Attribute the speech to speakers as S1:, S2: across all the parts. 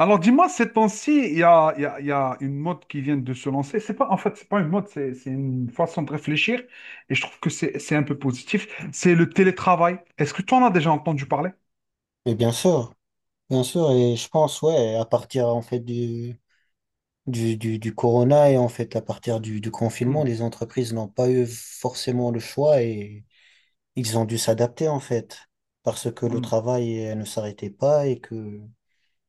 S1: Alors dis-moi, ces temps-ci, il y a, il y a- il y a une mode qui vient de se lancer. C'est pas, en fait, c'est pas une mode, c'est une façon de réfléchir. Et je trouve que c'est un peu positif. C'est le télétravail. Est-ce que tu en as déjà entendu parler?
S2: Bien sûr, et je pense, ouais, à partir en fait du corona et en fait à partir du
S1: Hmm,
S2: confinement, les entreprises n'ont pas eu forcément le choix et ils ont dû s'adapter en fait, parce que le
S1: hmm.
S2: travail ne s'arrêtait pas et que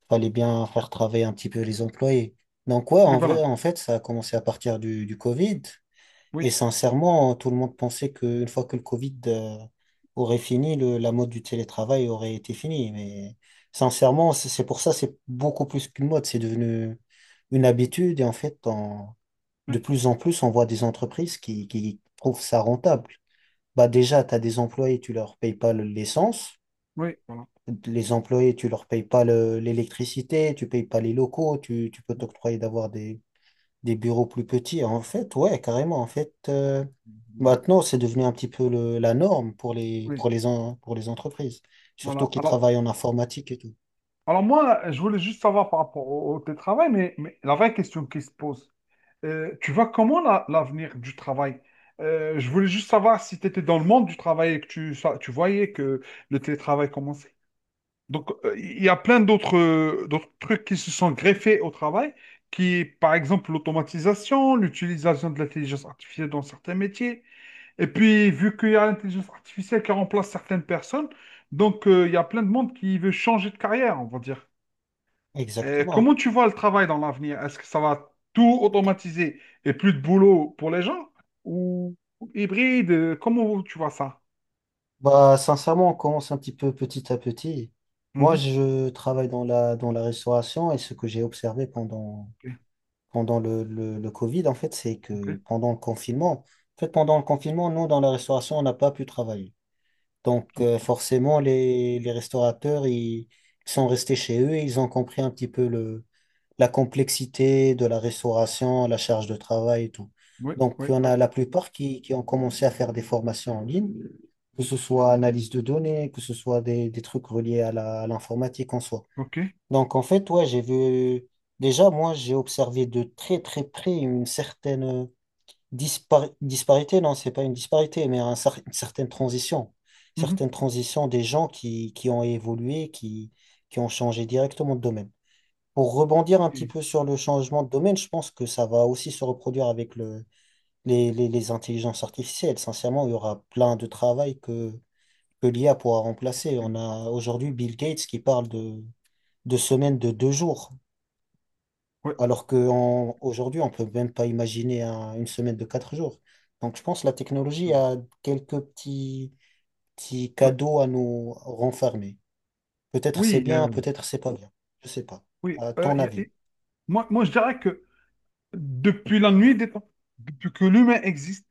S2: fallait bien faire travailler un petit peu les employés. Donc ouais,
S1: Oui,
S2: en vrai,
S1: voilà.
S2: en fait, ça a commencé à partir du Covid et
S1: Oui,
S2: sincèrement, tout le monde pensait qu'une fois que le Covid aurait fini, la mode du télétravail aurait été finie. Mais sincèrement, c'est pour ça, c'est beaucoup plus qu'une mode. C'est devenu une habitude. Et en fait,
S1: oui,
S2: de plus en plus, on voit des entreprises qui trouvent ça rentable. Bah déjà, tu as des employés, tu leur payes pas l'essence.
S1: oui, voilà.
S2: Les employés, tu leur payes pas l'électricité, tu payes pas les locaux, tu peux t'octroyer d'avoir des bureaux plus petits. En fait, ouais, carrément. En fait,
S1: Voilà.
S2: maintenant, c'est devenu un petit peu la norme pour les,
S1: Oui,
S2: pour les, en- pour les entreprises, surtout
S1: voilà.
S2: qui
S1: Alors,
S2: travaillent en informatique et tout.
S1: alors moi, je voulais juste savoir par rapport au télétravail, mais la vraie question qui se pose, tu vois comment l'avenir du travail? Je voulais juste savoir si tu étais dans le monde du travail et que tu voyais que le télétravail commençait. Donc, il y a plein d'autres trucs qui se sont greffés au travail, qui, par exemple, l'automatisation, l'utilisation de l'intelligence artificielle dans certains métiers. Et puis, vu qu'il y a l'intelligence artificielle qui remplace certaines personnes, donc il y a plein de monde qui veut changer de carrière, on va dire.
S2: Exactement.
S1: Comment tu vois le travail dans l'avenir? Est-ce que ça va tout automatiser et plus de boulot pour les gens? Ou hybride? Comment tu vois ça?
S2: Bah, sincèrement, on commence un petit peu petit à petit. Moi,
S1: Mhm.
S2: je travaille dans la restauration et ce que j'ai observé pendant,
S1: Ok,
S2: pendant le Covid, en fait, c'est
S1: ok,
S2: que pendant le confinement, en fait, pendant le confinement, nous, dans la restauration, on n'a pas pu travailler. Donc,
S1: ok.
S2: forcément, les restaurateurs, ils sont restés chez eux et ils ont compris un petit peu la complexité de la restauration, la charge de travail et tout.
S1: Oui,
S2: Donc,
S1: oui,
S2: il y en
S1: oui.
S2: a la plupart qui ont commencé à faire des formations en ligne, que ce soit analyse de données, que ce soit des trucs reliés à à l'informatique en soi.
S1: Ok.
S2: Donc, en fait, ouais, j'ai vu, déjà, moi, j'ai observé de très, très près une certaine Dispari- disparité, non, c'est pas une disparité, mais une certaine transition.
S1: Mhm.
S2: Certaines transitions des gens qui ont évolué, qui ont changé directement de domaine. Pour rebondir un petit
S1: Ok.
S2: peu sur le changement de domaine, je pense que ça va aussi se reproduire avec les intelligences artificielles. Sincèrement, il y aura plein de travail que l'IA pourra remplacer. On
S1: Ok.
S2: a aujourd'hui Bill Gates qui parle de semaines de 2 jours
S1: Ouais,
S2: alors qu'aujourd'hui, on peut même pas imaginer une semaine de 4 jours. Donc, je pense que la technologie a quelques petits, petits
S1: ouais.
S2: cadeaux à nous renfermer. Peut-être c'est
S1: Oui,
S2: bien, peut-être c'est pas bien. Je sais pas.
S1: oui.
S2: À ton avis?
S1: Moi, je dirais que depuis la nuit des temps, depuis que l'humain existe,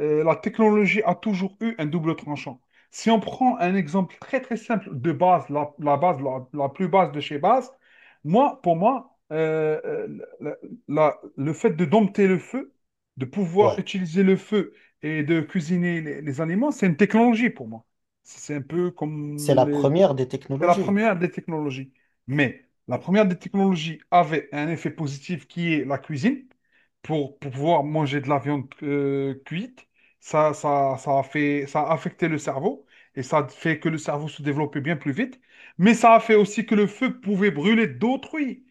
S1: la technologie a toujours eu un double tranchant. Si on prend un exemple très très simple de base, la base, la plus basse de chez base, moi, pour moi, la- le fait de dompter le feu, de pouvoir
S2: Ouais.
S1: utiliser le feu et de cuisiner les aliments, c'est une technologie pour moi. C'est un peu
S2: C'est la
S1: comme
S2: première des
S1: C'est la
S2: technologies.
S1: première des technologies. Mais la première des technologies avait un effet positif qui est la cuisine. Pour pouvoir manger de la viande cuite, ça a affecté le cerveau et ça a fait que le cerveau se développait bien plus vite. Mais ça a fait aussi que le feu pouvait brûler d'autrui.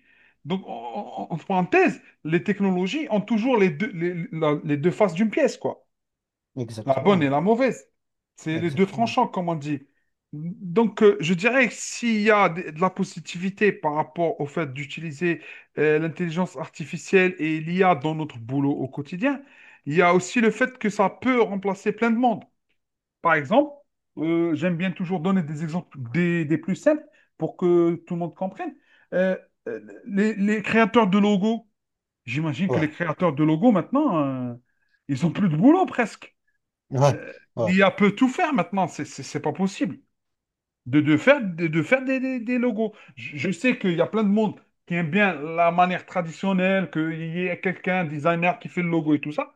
S1: Donc, en parenthèse, les technologies ont toujours les deux faces d'une pièce, quoi. La bonne et
S2: Exactement.
S1: la mauvaise. C'est les deux
S2: Exactement.
S1: tranchants, comme on dit. Donc, je dirais que s'il y a de la positivité par rapport au fait d'utiliser l'intelligence artificielle et l'IA dans notre boulot au quotidien, il y a aussi le fait que ça peut remplacer plein de monde. Par exemple, j'aime bien toujours donner des exemples des plus simples pour que tout le monde comprenne. Euh, euh, les créateurs de logos, j'imagine que les
S2: Ouais.
S1: créateurs de logos maintenant, ils ont plus de boulot presque.
S2: Ouais. Ouais.
S1: L'I a peut tout faire maintenant, c'est pas possible de faire des logos. Je sais qu'il y a plein de monde qui aime bien la manière traditionnelle, qu'il y ait quelqu'un, un designer qui fait le logo et tout ça,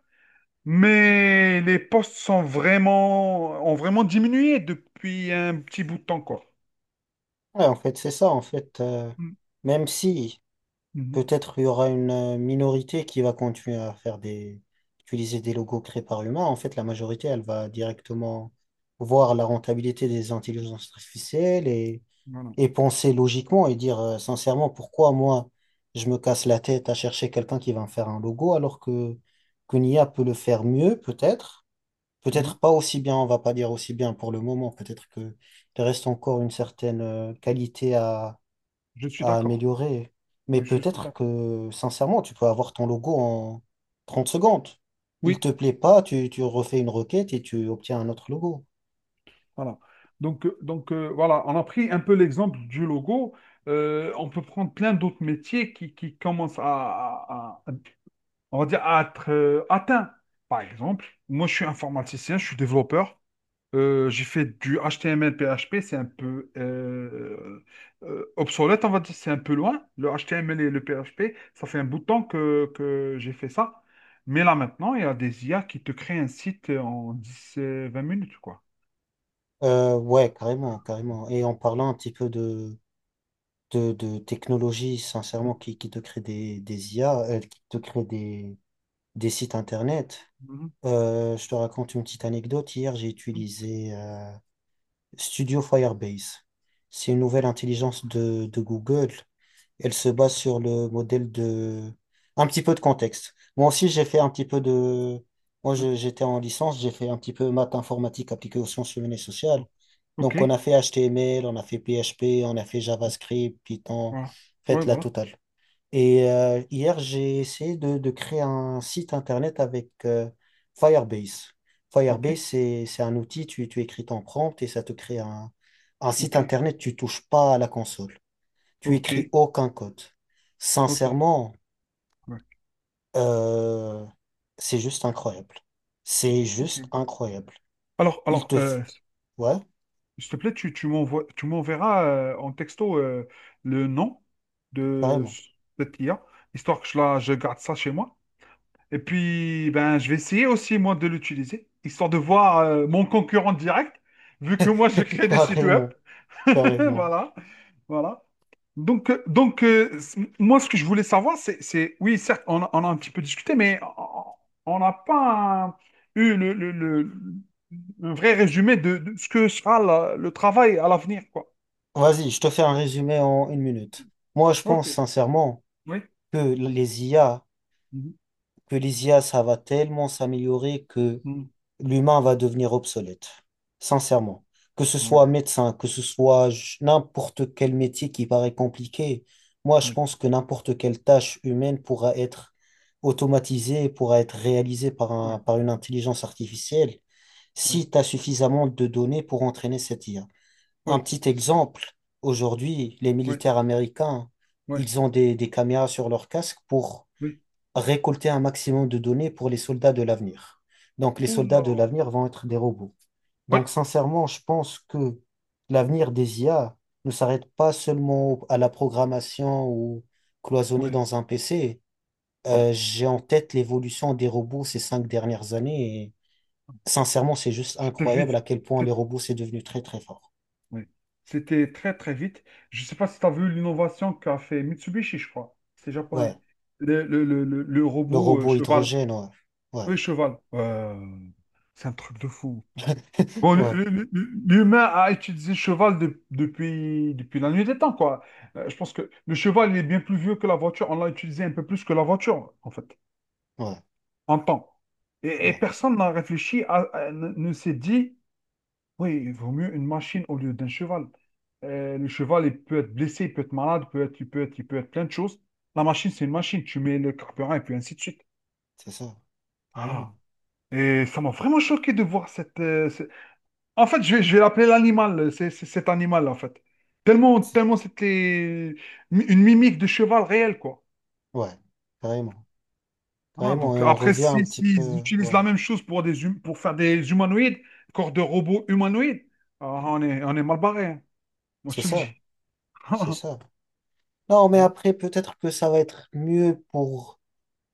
S1: mais les postes ont vraiment diminué depuis un petit bout de temps, quoi.
S2: Ouais, en fait, c'est ça. En fait,
S1: Mm.
S2: même si.
S1: Mhm.
S2: Peut-être il y aura une minorité qui va continuer à faire utiliser des logos créés par l'humain. En fait, la majorité, elle va directement voir la rentabilité des intelligences artificielles
S1: Voilà.
S2: et penser logiquement et dire sincèrement pourquoi moi je me casse la tête à chercher quelqu'un qui va me faire un logo alors que qu'une IA peut le faire mieux, peut-être.
S1: Mhm.
S2: Peut-être pas aussi bien, on va pas dire aussi bien pour le moment. Peut-être que il reste encore une certaine qualité
S1: Je suis
S2: à
S1: d'accord.
S2: améliorer. Mais
S1: Oui, je suis
S2: peut-être
S1: d'accord.
S2: que, sincèrement, tu peux avoir ton logo en 30 secondes. Il
S1: Oui.
S2: te plaît pas, tu refais une requête et tu obtiens un autre logo.
S1: Voilà. Donc, voilà, on a pris un peu l'exemple du logo. On peut prendre plein d'autres métiers qui commencent on va dire, à être atteints. Par exemple, moi, je suis informaticien, je suis développeur. J'ai fait du HTML, PHP, c'est un peu obsolète, on va dire, c'est un peu loin. Le HTML et le PHP, ça fait un bout de temps que j'ai fait ça. Mais là, maintenant, il y a des IA qui te créent un site en 10 20 minutes, quoi.
S2: Ouais, carrément, carrément. Et en parlant un petit peu de technologie, sincèrement, qui te crée des IA, qui te crée des sites internet.
S1: Mhm.
S2: Je te raconte une petite anecdote. Hier, j'ai utilisé Studio Firebase. C'est une nouvelle intelligence de Google. Elle se base sur le modèle de... Un petit peu de contexte. Moi aussi, j'ai fait un petit peu de... Moi,
S1: Ouais.
S2: j'étais en licence, j'ai fait un petit peu maths informatique appliquée aux sciences humaines et sociales.
S1: O- Ok,
S2: Donc, on a fait HTML, on a fait PHP, on a fait JavaScript, Python,
S1: voilà. Ouais,
S2: faites la
S1: voilà.
S2: totale. Et hier, j'ai essayé de créer un site internet avec Firebase.
S1: Ok,
S2: Firebase, c'est un outil, tu écris ton prompt et ça te crée un site
S1: ok,
S2: internet, tu touches pas à la console. Tu
S1: ok,
S2: écris aucun code.
S1: ok.
S2: Sincèrement,
S1: Ouais,
S2: euh, c'est juste incroyable. C'est
S1: ok.
S2: juste incroyable.
S1: Alors,
S2: Il
S1: alors,
S2: te... f- Ouais,
S1: s'il te plaît, tu m'enverras en texto le nom de
S2: carrément.
S1: cette IA, histoire que je garde ça chez moi. Et puis, ben, je vais essayer aussi, moi, de l'utiliser, histoire de voir mon concurrent direct, vu que moi, je crée des sites web.
S2: Carrément, carrément.
S1: Voilà, voilà. Donc, moi, ce que je voulais savoir, c'est, oui, certes, on a un petit peu discuté, mais on n'a pas eu un vrai résumé de ce que sera le travail à l'avenir, quoi.
S2: Vas-y, je te fais un résumé en une minute. Moi, je
S1: Ok,
S2: pense sincèrement
S1: oui.
S2: que les IA...
S1: Mhm.
S2: que les IA, ça va tellement s'améliorer que
S1: Mhm.
S2: l'humain va devenir obsolète, sincèrement. Que ce soit
S1: Ouais,
S2: médecin, que ce soit n'importe quel métier qui paraît compliqué, moi je
S1: ouais,
S2: pense que n'importe quelle tâche humaine pourra être automatisée, pourra être réalisée par
S1: ouais,
S2: un, par une intelligence artificielle
S1: ouais,
S2: si tu as suffisamment de données pour entraîner cette IA. Un
S1: ouais,
S2: petit exemple, aujourd'hui, les
S1: ouais,
S2: militaires américains,
S1: ouais,
S2: ils ont des caméras sur leur casque pour
S1: oui.
S2: récolter un maximum de données pour les soldats de l'avenir. Donc, les soldats de
S1: Oula.
S2: l'avenir vont être des robots.
S1: Ouais,
S2: Donc, sincèrement, je pense que l'avenir des IA ne s'arrête pas seulement à la programmation ou cloisonné
S1: ouais,
S2: dans un PC.
S1: ouais.
S2: J'ai en tête l'évolution des robots ces 5 dernières années et sincèrement, c'est juste
S1: C'était
S2: incroyable à
S1: vite.
S2: quel point les robots, c'est devenu très, très fort.
S1: Oui. C'était très très vite. Je ne sais pas si tu as vu l'innovation qu'a fait Mitsubishi, je crois. C'est
S2: Ouais,
S1: japonais. Le
S2: le
S1: robot
S2: robot
S1: cheval.
S2: hydrogène, ouais. Ouais,
S1: Oui, cheval. C'est un truc de fou. Bon,
S2: ouais,
S1: l'humain a utilisé cheval depuis la nuit des temps, quoi. Je pense que le cheval, il est bien plus vieux que la voiture. On l'a utilisé un peu plus que la voiture, en fait,
S2: ouais,
S1: en temps. Et
S2: ouais,
S1: personne n'a réfléchi, ne s'est dit. Oui, il vaut mieux une machine au lieu d'un cheval. Le cheval, il peut être blessé, il peut être malade, il peut être, il peut être, il peut être plein de choses. La machine, c'est une machine. Tu mets le carburant et puis ainsi de suite.
S2: c'est ça,
S1: Voilà.
S2: carrément.
S1: Et ça m'a vraiment choqué de voir En fait, je vais, l'appeler l'animal, c'est cet animal, en fait. Tellement,
S2: C'est-
S1: tellement c'était une mimique de cheval réel, quoi.
S2: Ouais, carrément.
S1: Voilà,
S2: Carrément, et
S1: donc
S2: on
S1: après,
S2: revient un
S1: si,
S2: petit
S1: s'ils
S2: peu.
S1: utilisent
S2: Ouais,
S1: la même chose pour faire des humanoïdes, corps de robots humanoïdes, ah, on est mal barré, hein. Moi,
S2: c'est
S1: je te le dis.
S2: ça, c'est ça. Non, mais après, peut-être que ça va être mieux pour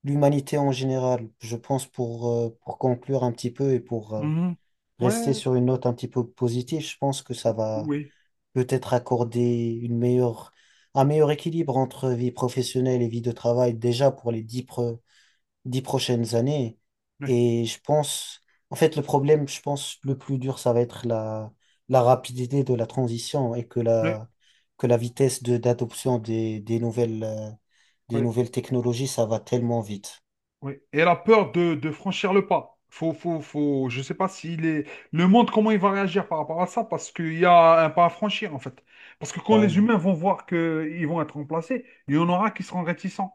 S2: l'humanité en général. Je pense pour conclure un petit peu et pour
S1: Mhm.
S2: rester
S1: Ouais,
S2: sur une note un petit peu positive, je pense que ça va
S1: oui,
S2: peut-être accorder une meilleure, un meilleur équilibre entre vie professionnelle et vie de travail, déjà pour 10 prochaines années.
S1: ouais,
S2: Et je pense, en fait, le problème, je pense, le plus dur, ça va être la rapidité de la transition et que
S1: ouais,
S2: que la vitesse de d'adoption des nouvelles
S1: ouais,
S2: technologies, ça va tellement vite,
S1: ouais. Et elle a peur de franchir le pas. Je sais pas s'il est... Le monde, comment il va réagir par rapport à ça, parce qu'il y a un pas à franchir, en fait. Parce que quand les
S2: carrément.
S1: humains vont voir qu'ils vont être remplacés, il y en aura qui seront réticents.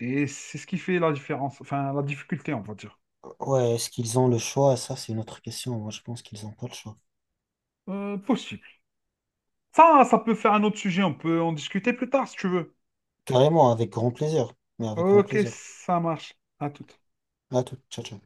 S1: Et c'est ce qui fait la différence, enfin, la difficulté, on va dire.
S2: Ouais, est-ce qu'ils ont le choix? Ça, c'est une autre question. Moi, je pense qu'ils n'ont pas le choix.
S1: Possible. Ça peut faire un autre sujet, on peut en discuter plus tard, si tu veux.
S2: Carrément, avec grand plaisir. Mais avec grand
S1: Ok,
S2: plaisir.
S1: ça marche. À tout.
S2: À tout, ciao, ciao.